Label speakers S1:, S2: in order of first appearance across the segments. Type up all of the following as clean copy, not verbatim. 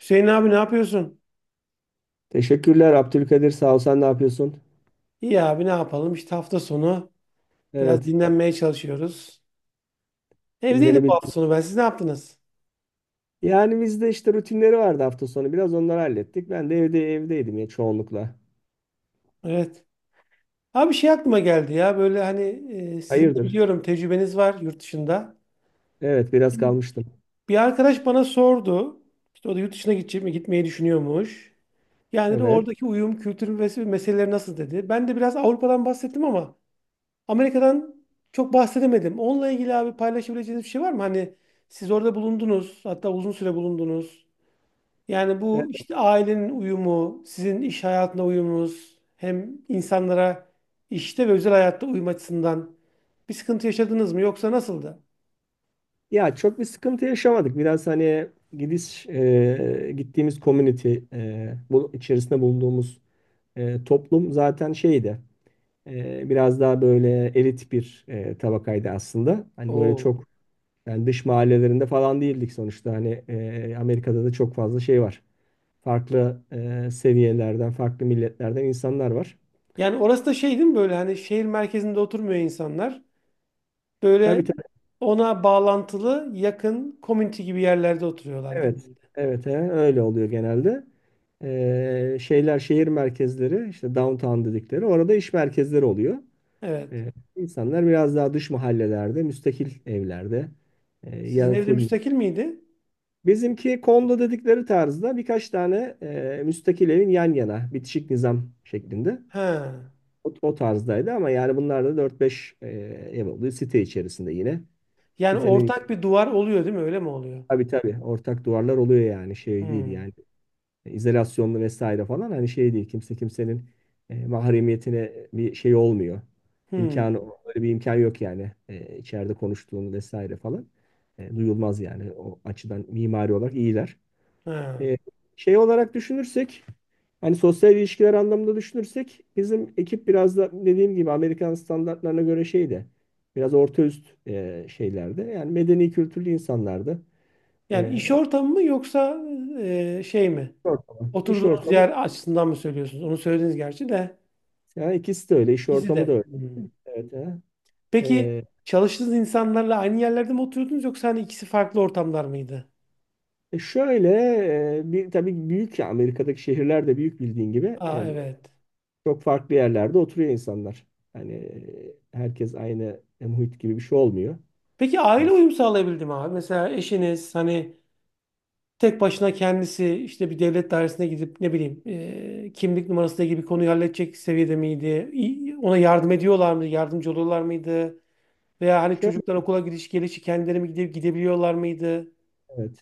S1: Hüseyin abi ne yapıyorsun?
S2: Teşekkürler Abdülkadir. Sağ ol. Sen ne yapıyorsun?
S1: İyi abi ne yapalım? İşte hafta sonu biraz
S2: Evet.
S1: dinlenmeye çalışıyoruz. Evdeydim bu
S2: Dinlenebildim.
S1: hafta sonu ben. Siz ne yaptınız?
S2: Yani bizde işte rutinleri vardı hafta sonu. Biraz onları hallettik. Ben de evdeydim ya çoğunlukla.
S1: Evet. Abi bir şey aklıma geldi ya böyle hani sizin de
S2: Hayırdır?
S1: biliyorum tecrübeniz var yurt dışında.
S2: Evet, biraz
S1: Şimdi
S2: kalmıştım.
S1: bir arkadaş bana sordu. İşte o da yurt dışına gidecek mi? Gitmeyi düşünüyormuş. Yani de
S2: Evet.
S1: oradaki uyum, kültür ve meseleleri nasıl dedi. Ben de biraz Avrupa'dan bahsettim ama Amerika'dan çok bahsedemedim. Onunla ilgili abi paylaşabileceğiniz bir şey var mı? Hani siz orada bulundunuz, hatta uzun süre bulundunuz. Yani bu
S2: E,
S1: işte ailenin uyumu, sizin iş hayatına uyumunuz, hem insanlara işte ve özel hayatta uyum açısından bir sıkıntı yaşadınız mı yoksa nasıldı?
S2: Ya, çok bir sıkıntı yaşamadık. Biraz hani gittiğimiz community, bu içerisinde bulunduğumuz toplum zaten şeydi. Biraz daha böyle elit bir tabakaydı aslında. Hani böyle
S1: Oo.
S2: çok. Yani dış mahallelerinde falan değildik sonuçta. Hani Amerika'da da çok fazla şey var. Farklı seviyelerden, farklı milletlerden insanlar var.
S1: Yani orası da şey değil mi böyle hani şehir merkezinde oturmuyor insanlar. Böyle
S2: Tabii tabii,
S1: ona bağlantılı yakın community gibi yerlerde oturuyorlar
S2: evet.
S1: genelde.
S2: Evet, he, öyle oluyor genelde. Şeyler şehir merkezleri işte downtown dedikleri orada iş merkezleri oluyor.
S1: Evet.
S2: E, insanlar biraz daha dış mahallelerde, müstakil evlerde,
S1: Sizin
S2: ya,
S1: evde
S2: full.
S1: müstakil miydi?
S2: Bizimki kondo dedikleri tarzda birkaç tane müstakil evin yan yana bitişik nizam şeklinde.
S1: He.
S2: O tarzdaydı ama yani bunlar da dört beş ev oluyor site içerisinde yine.
S1: Yani
S2: Sitenin
S1: ortak bir duvar oluyor değil mi? Öyle mi oluyor?
S2: tabii tabii ortak duvarlar oluyor, yani şey değil
S1: Hmm.
S2: yani izolasyonlu vesaire falan, hani şey değil, kimse kimsenin mahremiyetine bir şey olmuyor.
S1: Hmm.
S2: İmkanı öyle bir imkan yok yani, içeride konuştuğunu vesaire falan. Duyulmaz yani, o açıdan mimari olarak iyiler.
S1: He.
S2: E, şey olarak düşünürsek, hani sosyal ilişkiler anlamında düşünürsek, bizim ekip biraz da dediğim gibi Amerikan standartlarına göre şeydi. Biraz orta üst şeylerde. Yani medeni kültürlü insanlardı.
S1: Yani
S2: E,
S1: iş ortamı mı yoksa şey mi?
S2: iş ortamı. İş
S1: Oturduğunuz
S2: ortamı.
S1: yer açısından mı söylüyorsunuz? Onu söylediniz gerçi de.
S2: Yani ikisi de öyle. İş
S1: İkisi
S2: ortamı da
S1: de.
S2: öyle.
S1: Hmm.
S2: Evet. He.
S1: Peki
S2: E,
S1: çalıştığınız insanlarla aynı yerlerde mi oturuyordunuz yoksa hani ikisi farklı ortamlar mıydı?
S2: şöyle bir tabii büyük ya, Amerika'daki şehirler de büyük bildiğin gibi,
S1: Aa, evet.
S2: çok farklı yerlerde oturuyor insanlar. Hani herkes aynı muhit gibi bir şey olmuyor.
S1: Peki aile
S2: Evet.
S1: uyum sağlayabildi mi abi? Mesela eşiniz hani tek başına kendisi işte bir devlet dairesine gidip ne bileyim kimlik numarası gibi konuyu halledecek seviyede miydi? Ona yardım ediyorlar mıydı? Yardımcı oluyorlar mıydı? Veya hani
S2: Şöyle,
S1: çocuklar okula gidiş gelişi kendileri mi gidip gidebiliyorlar mıydı?
S2: evet.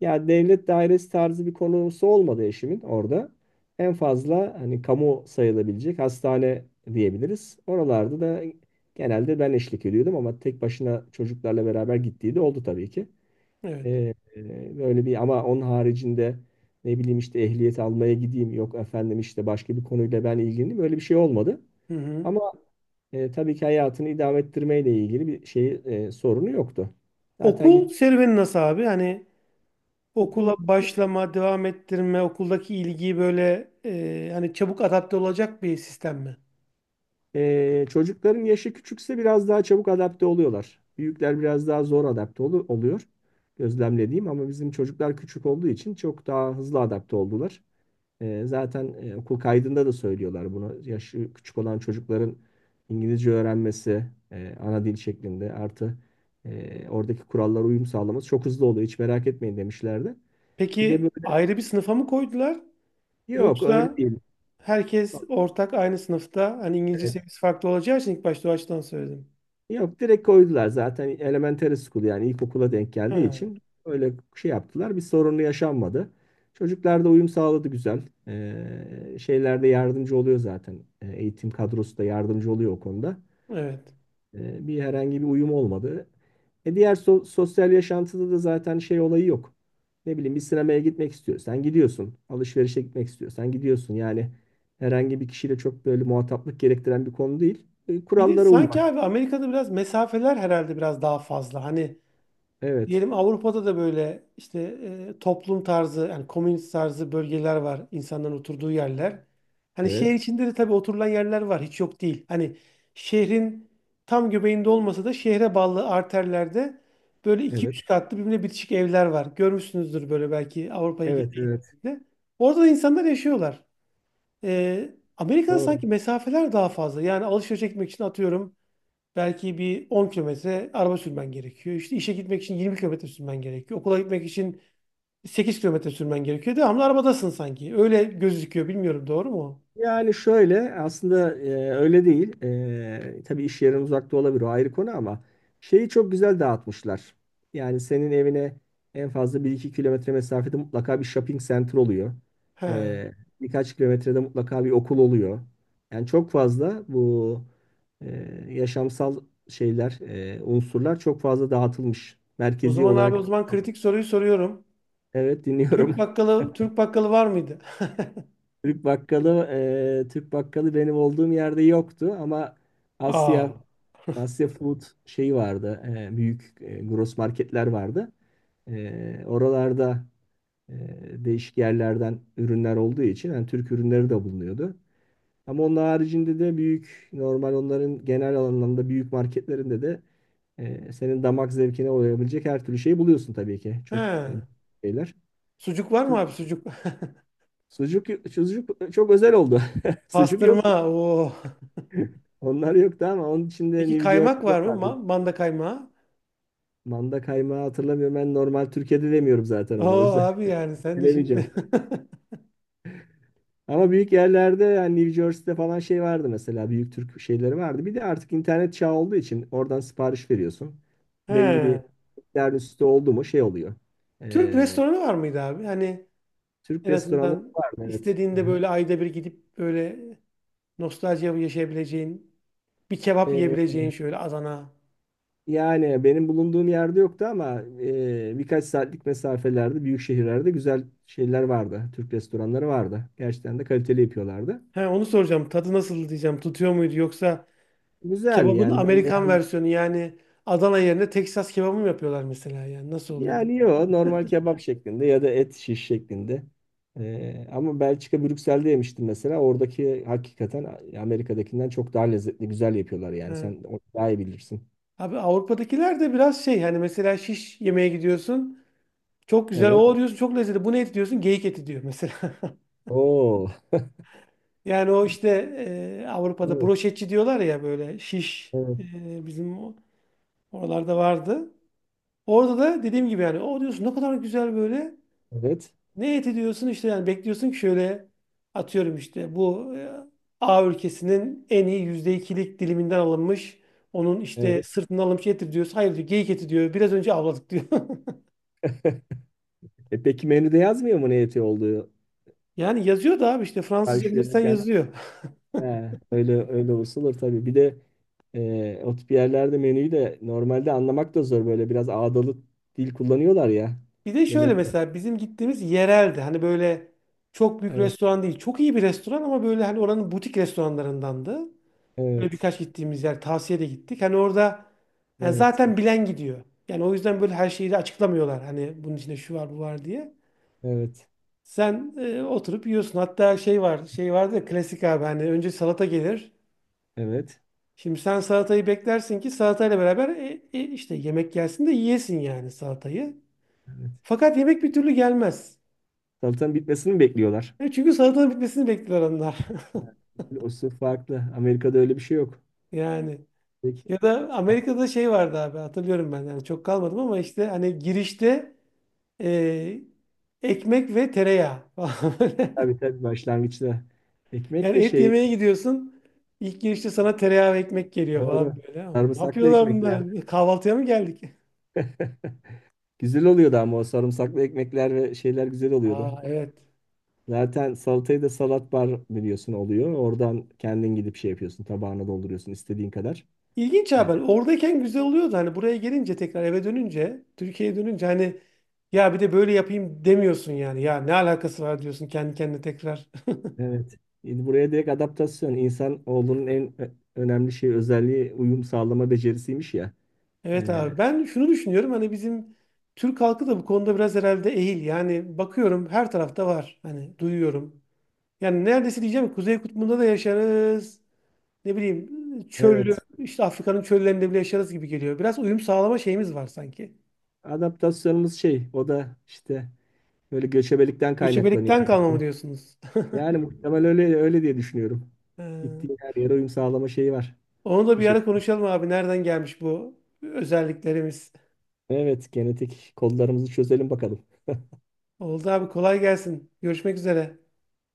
S2: Ya devlet dairesi tarzı bir konusu olmadı eşimin orada. En fazla hani kamu sayılabilecek hastane diyebiliriz. Oralarda da genelde ben eşlik ediyordum ama tek başına çocuklarla beraber gittiği de oldu tabii ki.
S1: Evet.
S2: Böyle bir ama onun haricinde ne bileyim işte ehliyet almaya gideyim, yok efendim işte başka bir konuyla ben ilgileneyim, böyle bir şey olmadı.
S1: Hı hı.
S2: Ama tabii ki hayatını idame ettirmeyle ilgili bir şey sorunu yoktu. Zaten git
S1: Okul serüveni nasıl abi? Hani okula
S2: okul.
S1: başlama, devam ettirme, okuldaki ilgiyi böyle hani çabuk adapte olacak bir sistem mi?
S2: Çocukların yaşı küçükse biraz daha çabuk adapte oluyorlar. Büyükler biraz daha zor adapte oluyor. Gözlemlediğim ama bizim çocuklar küçük olduğu için çok daha hızlı adapte oldular. Zaten okul kaydında da söylüyorlar bunu. Yaşı küçük olan çocukların İngilizce öğrenmesi ana dil şeklinde, artı oradaki kurallara uyum sağlaması çok hızlı oluyor. Hiç merak etmeyin demişlerdi. Bir de
S1: Peki
S2: böyle.
S1: ayrı bir sınıfa mı koydular?
S2: Yok, öyle
S1: Yoksa
S2: değil.
S1: herkes ortak aynı sınıfta hani İngilizce
S2: Evet.
S1: seviyesi farklı olacağı için ilk başta o açıdan söyledim.
S2: Yok, direkt koydular zaten, elementary school yani ilkokula denk
S1: Ha,
S2: geldiği için öyle şey yaptılar. Bir sorunu yaşanmadı. Çocuklar da uyum sağladı, güzel. Şeylerde yardımcı oluyor zaten. Eğitim kadrosu da yardımcı oluyor o konuda.
S1: evet.
S2: Bir herhangi bir uyum olmadı. Diğer sosyal yaşantıda da zaten şey olayı yok. Ne bileyim, bir sinemaya gitmek istiyorsan gidiyorsun. Alışverişe gitmek istiyorsan gidiyorsun. Yani herhangi bir kişiyle çok böyle muhataplık gerektiren bir konu değil. E,
S1: Bir de
S2: kurallara
S1: sanki
S2: uymak.
S1: abi Amerika'da biraz mesafeler herhalde biraz daha fazla. Hani
S2: Evet.
S1: diyelim Avrupa'da da böyle işte toplum tarzı yani komünist tarzı bölgeler var. İnsanların oturduğu yerler. Hani şehir
S2: Evet.
S1: içinde de tabii oturulan yerler var. Hiç yok değil. Hani şehrin tam göbeğinde olmasa da şehre bağlı arterlerde böyle iki
S2: Evet.
S1: üç katlı birbirine bitişik evler var. Görmüşsünüzdür böyle belki Avrupa'ya
S2: Evet. Evet.
S1: gittiğinizde. Orada da insanlar yaşıyorlar. E, Amerika'da
S2: Doğru.
S1: sanki mesafeler daha fazla. Yani alışveriş etmek için atıyorum belki bir 10 kilometre araba sürmen gerekiyor. İşte işe gitmek için 20 kilometre sürmen gerekiyor. Okula gitmek için 8 kilometre sürmen gerekiyor. Devamlı arabadasın sanki. Öyle gözüküyor. Bilmiyorum doğru mu?
S2: Yani şöyle aslında, öyle değil. Tabii iş yerin uzakta olabilir, o ayrı konu ama şeyi çok güzel dağıtmışlar. Yani senin evine en fazla bir iki kilometre mesafede mutlaka bir shopping center oluyor.
S1: He.
S2: E, birkaç kilometrede mutlaka bir okul oluyor. Yani çok fazla bu e, yaşamsal şeyler, unsurlar çok fazla dağıtılmış.
S1: O
S2: Merkezi
S1: zaman abi
S2: olarak.
S1: o zaman kritik soruyu soruyorum.
S2: Evet, dinliyorum.
S1: Türk bakkalı Türk bakkalı var mıydı?
S2: Türk bakkalı, Türk bakkalı benim olduğum yerde yoktu ama Asya
S1: Aa.
S2: Asya Food şeyi vardı. Büyük gross marketler vardı. Oralarda e, değişik yerlerden ürünler olduğu için yani Türk ürünleri de bulunuyordu. Ama onun haricinde de büyük normal onların genel anlamda büyük marketlerinde de senin damak zevkine uyabilecek her türlü şeyi buluyorsun tabii ki. Çok
S1: He.
S2: e, şeyler.
S1: Sucuk var mı
S2: Türk-
S1: abi sucuk?
S2: Sucuk, sucuk çok özel oldu. Sucuk yok.
S1: Pastırma. Oo.
S2: Onlar yoktu ama onun içinde
S1: Peki
S2: New
S1: kaymak
S2: Jersey'de
S1: var mı?
S2: vardı.
S1: Manda kaymağı.
S2: Manda kaymağı hatırlamıyorum. Ben normal Türkiye'de demiyorum zaten onu. O
S1: Oo
S2: yüzden
S1: abi yani sen de
S2: bilemeyeceğim.
S1: şimdi.
S2: Ama büyük yerlerde yani New Jersey'de falan şey vardı mesela. Büyük Türk şeyleri vardı. Bir de artık internet çağı olduğu için oradan sipariş veriyorsun. Belli bir
S1: He.
S2: miktar üstü oldu mu şey oluyor.
S1: Türk
S2: Ee,
S1: restoranı var mıydı abi? Hani
S2: Türk
S1: en
S2: restoranları
S1: azından
S2: var mı? Evet.
S1: istediğinde
S2: Hı
S1: böyle ayda bir gidip böyle nostalji yaşayabileceğin, bir kebap yiyebileceğin
S2: hı.
S1: şöyle Adana.
S2: Yani benim bulunduğum yerde yoktu ama birkaç saatlik mesafelerde, büyük şehirlerde güzel şeyler vardı. Türk restoranları vardı. Gerçekten de kaliteli yapıyorlardı.
S1: He, onu soracağım. Tadı nasıl diyeceğim. Tutuyor muydu yoksa
S2: Güzeldi
S1: kebabın
S2: yani, ben
S1: Amerikan
S2: beğendim.
S1: versiyonu yani Adana yerine Texas kebabı mı yapıyorlar mesela yani nasıl oluyor diye.
S2: Yani yok, normal kebap şeklinde ya da et şiş şeklinde. Ama Belçika Brüksel'de yemiştim mesela. Oradaki hakikaten Amerika'dakinden çok daha lezzetli, güzel yapıyorlar yani.
S1: He.
S2: Sen onu daha iyi bilirsin.
S1: Abi Avrupa'dakiler de biraz şey hani mesela şiş yemeye gidiyorsun. Çok güzel
S2: Evet.
S1: o diyorsun çok lezzetli. Bu ne eti diyorsun? Geyik eti diyor mesela.
S2: Oo.
S1: Yani o işte Avrupa'da
S2: Evet.
S1: broşetçi diyorlar ya böyle şiş.
S2: Evet.
S1: E, bizim o oralarda vardı. Orada da dediğim gibi yani o diyorsun ne kadar güzel böyle.
S2: Evet.
S1: Ne eti diyorsun işte yani bekliyorsun ki şöyle atıyorum işte bu A ülkesinin en iyi %2'lik diliminden alınmış. Onun işte
S2: Evet.
S1: sırtından alınmış eti diyorsun. Hayır diyor geyik eti diyor. Biraz önce avladık diyor.
S2: Peki menüde yazmıyor mu ne eti olduğu?
S1: Yani yazıyor da abi işte Fransızca
S2: Karşı
S1: bilirsen
S2: verirken.
S1: yazıyor.
S2: He, öyle öyle olsa olur tabii. Bir de o tip yerlerde menüyü de normalde anlamak da zor. Böyle biraz ağdalı dil kullanıyorlar ya.
S1: Bir de şöyle
S2: Yemek.
S1: mesela bizim gittiğimiz yereldi. Hani böyle çok büyük
S2: Evet.
S1: restoran değil. Çok iyi bir restoran ama böyle hani oranın butik restoranlarındandı. Böyle
S2: Evet.
S1: birkaç gittiğimiz yer tavsiye de gittik. Hani orada yani
S2: Evet.
S1: zaten bilen gidiyor. Yani o yüzden böyle her şeyi de açıklamıyorlar. Hani bunun içinde şu var bu var diye.
S2: Evet.
S1: Sen oturup yiyorsun. Hatta şey var şey vardı ya klasik abi hani önce salata gelir.
S2: Evet.
S1: Şimdi sen salatayı beklersin ki salatayla beraber işte yemek gelsin de yiyesin yani salatayı.
S2: Evet.
S1: Fakat yemek bir türlü gelmez.
S2: Salatanın bitmesini mi bekliyorlar?
S1: E, çünkü salatanın bitmesini bekliyor onlar.
S2: O sırf farklı. Amerika'da öyle bir şey yok.
S1: Yani
S2: Peki.
S1: ya da Amerika'da şey vardı abi hatırlıyorum ben. Yani çok kalmadım ama işte hani girişte Ee, ekmek ve tereyağı falan böyle.
S2: Tabii tabii, başlangıçta. Ekmek
S1: Yani
S2: de
S1: et
S2: şey,
S1: yemeye gidiyorsun. İlk girişte sana tereyağı ve ekmek geliyor
S2: doğru.
S1: falan böyle. Ne
S2: Sarımsaklı
S1: yapıyorlar bunlar?
S2: ekmekler.
S1: E, kahvaltıya mı geldik?
S2: Güzel oluyordu ama o sarımsaklı ekmekler ve şeyler güzel oluyordu.
S1: Aa, evet.
S2: Zaten salatayı da salat bar biliyorsun oluyor. Oradan kendin gidip şey yapıyorsun. Tabağına dolduruyorsun istediğin kadar.
S1: İlginç haber.
S2: Evet.
S1: Oradayken güzel oluyordu. Hani buraya gelince tekrar eve dönünce, Türkiye'ye dönünce hani ya bir de böyle yapayım demiyorsun yani. Ya ne alakası var diyorsun kendi kendine tekrar.
S2: Evet. Buraya direkt adaptasyon. İnsan oğlunun en önemli özelliği uyum sağlama becerisiymiş ya.
S1: Evet
S2: Ee,
S1: abi ben şunu düşünüyorum hani bizim Türk halkı da bu konuda biraz herhalde ehil. Yani bakıyorum her tarafta var. Hani duyuyorum. Yani neredeyse diyeceğim ki Kuzey Kutbu'nda da yaşarız. Ne bileyim çöllü
S2: Evet.
S1: işte Afrika'nın çöllerinde bile yaşarız gibi geliyor. Biraz uyum sağlama şeyimiz var sanki.
S2: Adaptasyonumuz şey, o da işte böyle göçebelikten kaynaklanıyor
S1: Göçebelikten kalma mı
S2: herhalde.
S1: diyorsunuz?
S2: Yani muhtemel öyle öyle diye düşünüyorum.
S1: Ee,
S2: Gittiğin her yere uyum sağlama şeyi var.
S1: Onu da
S2: Bir
S1: bir
S2: şey.
S1: ara konuşalım abi. Nereden gelmiş bu özelliklerimiz?
S2: Evet, genetik kodlarımızı çözelim bakalım.
S1: Oldu abi kolay gelsin. Görüşmek üzere.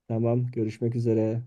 S2: Tamam, görüşmek üzere.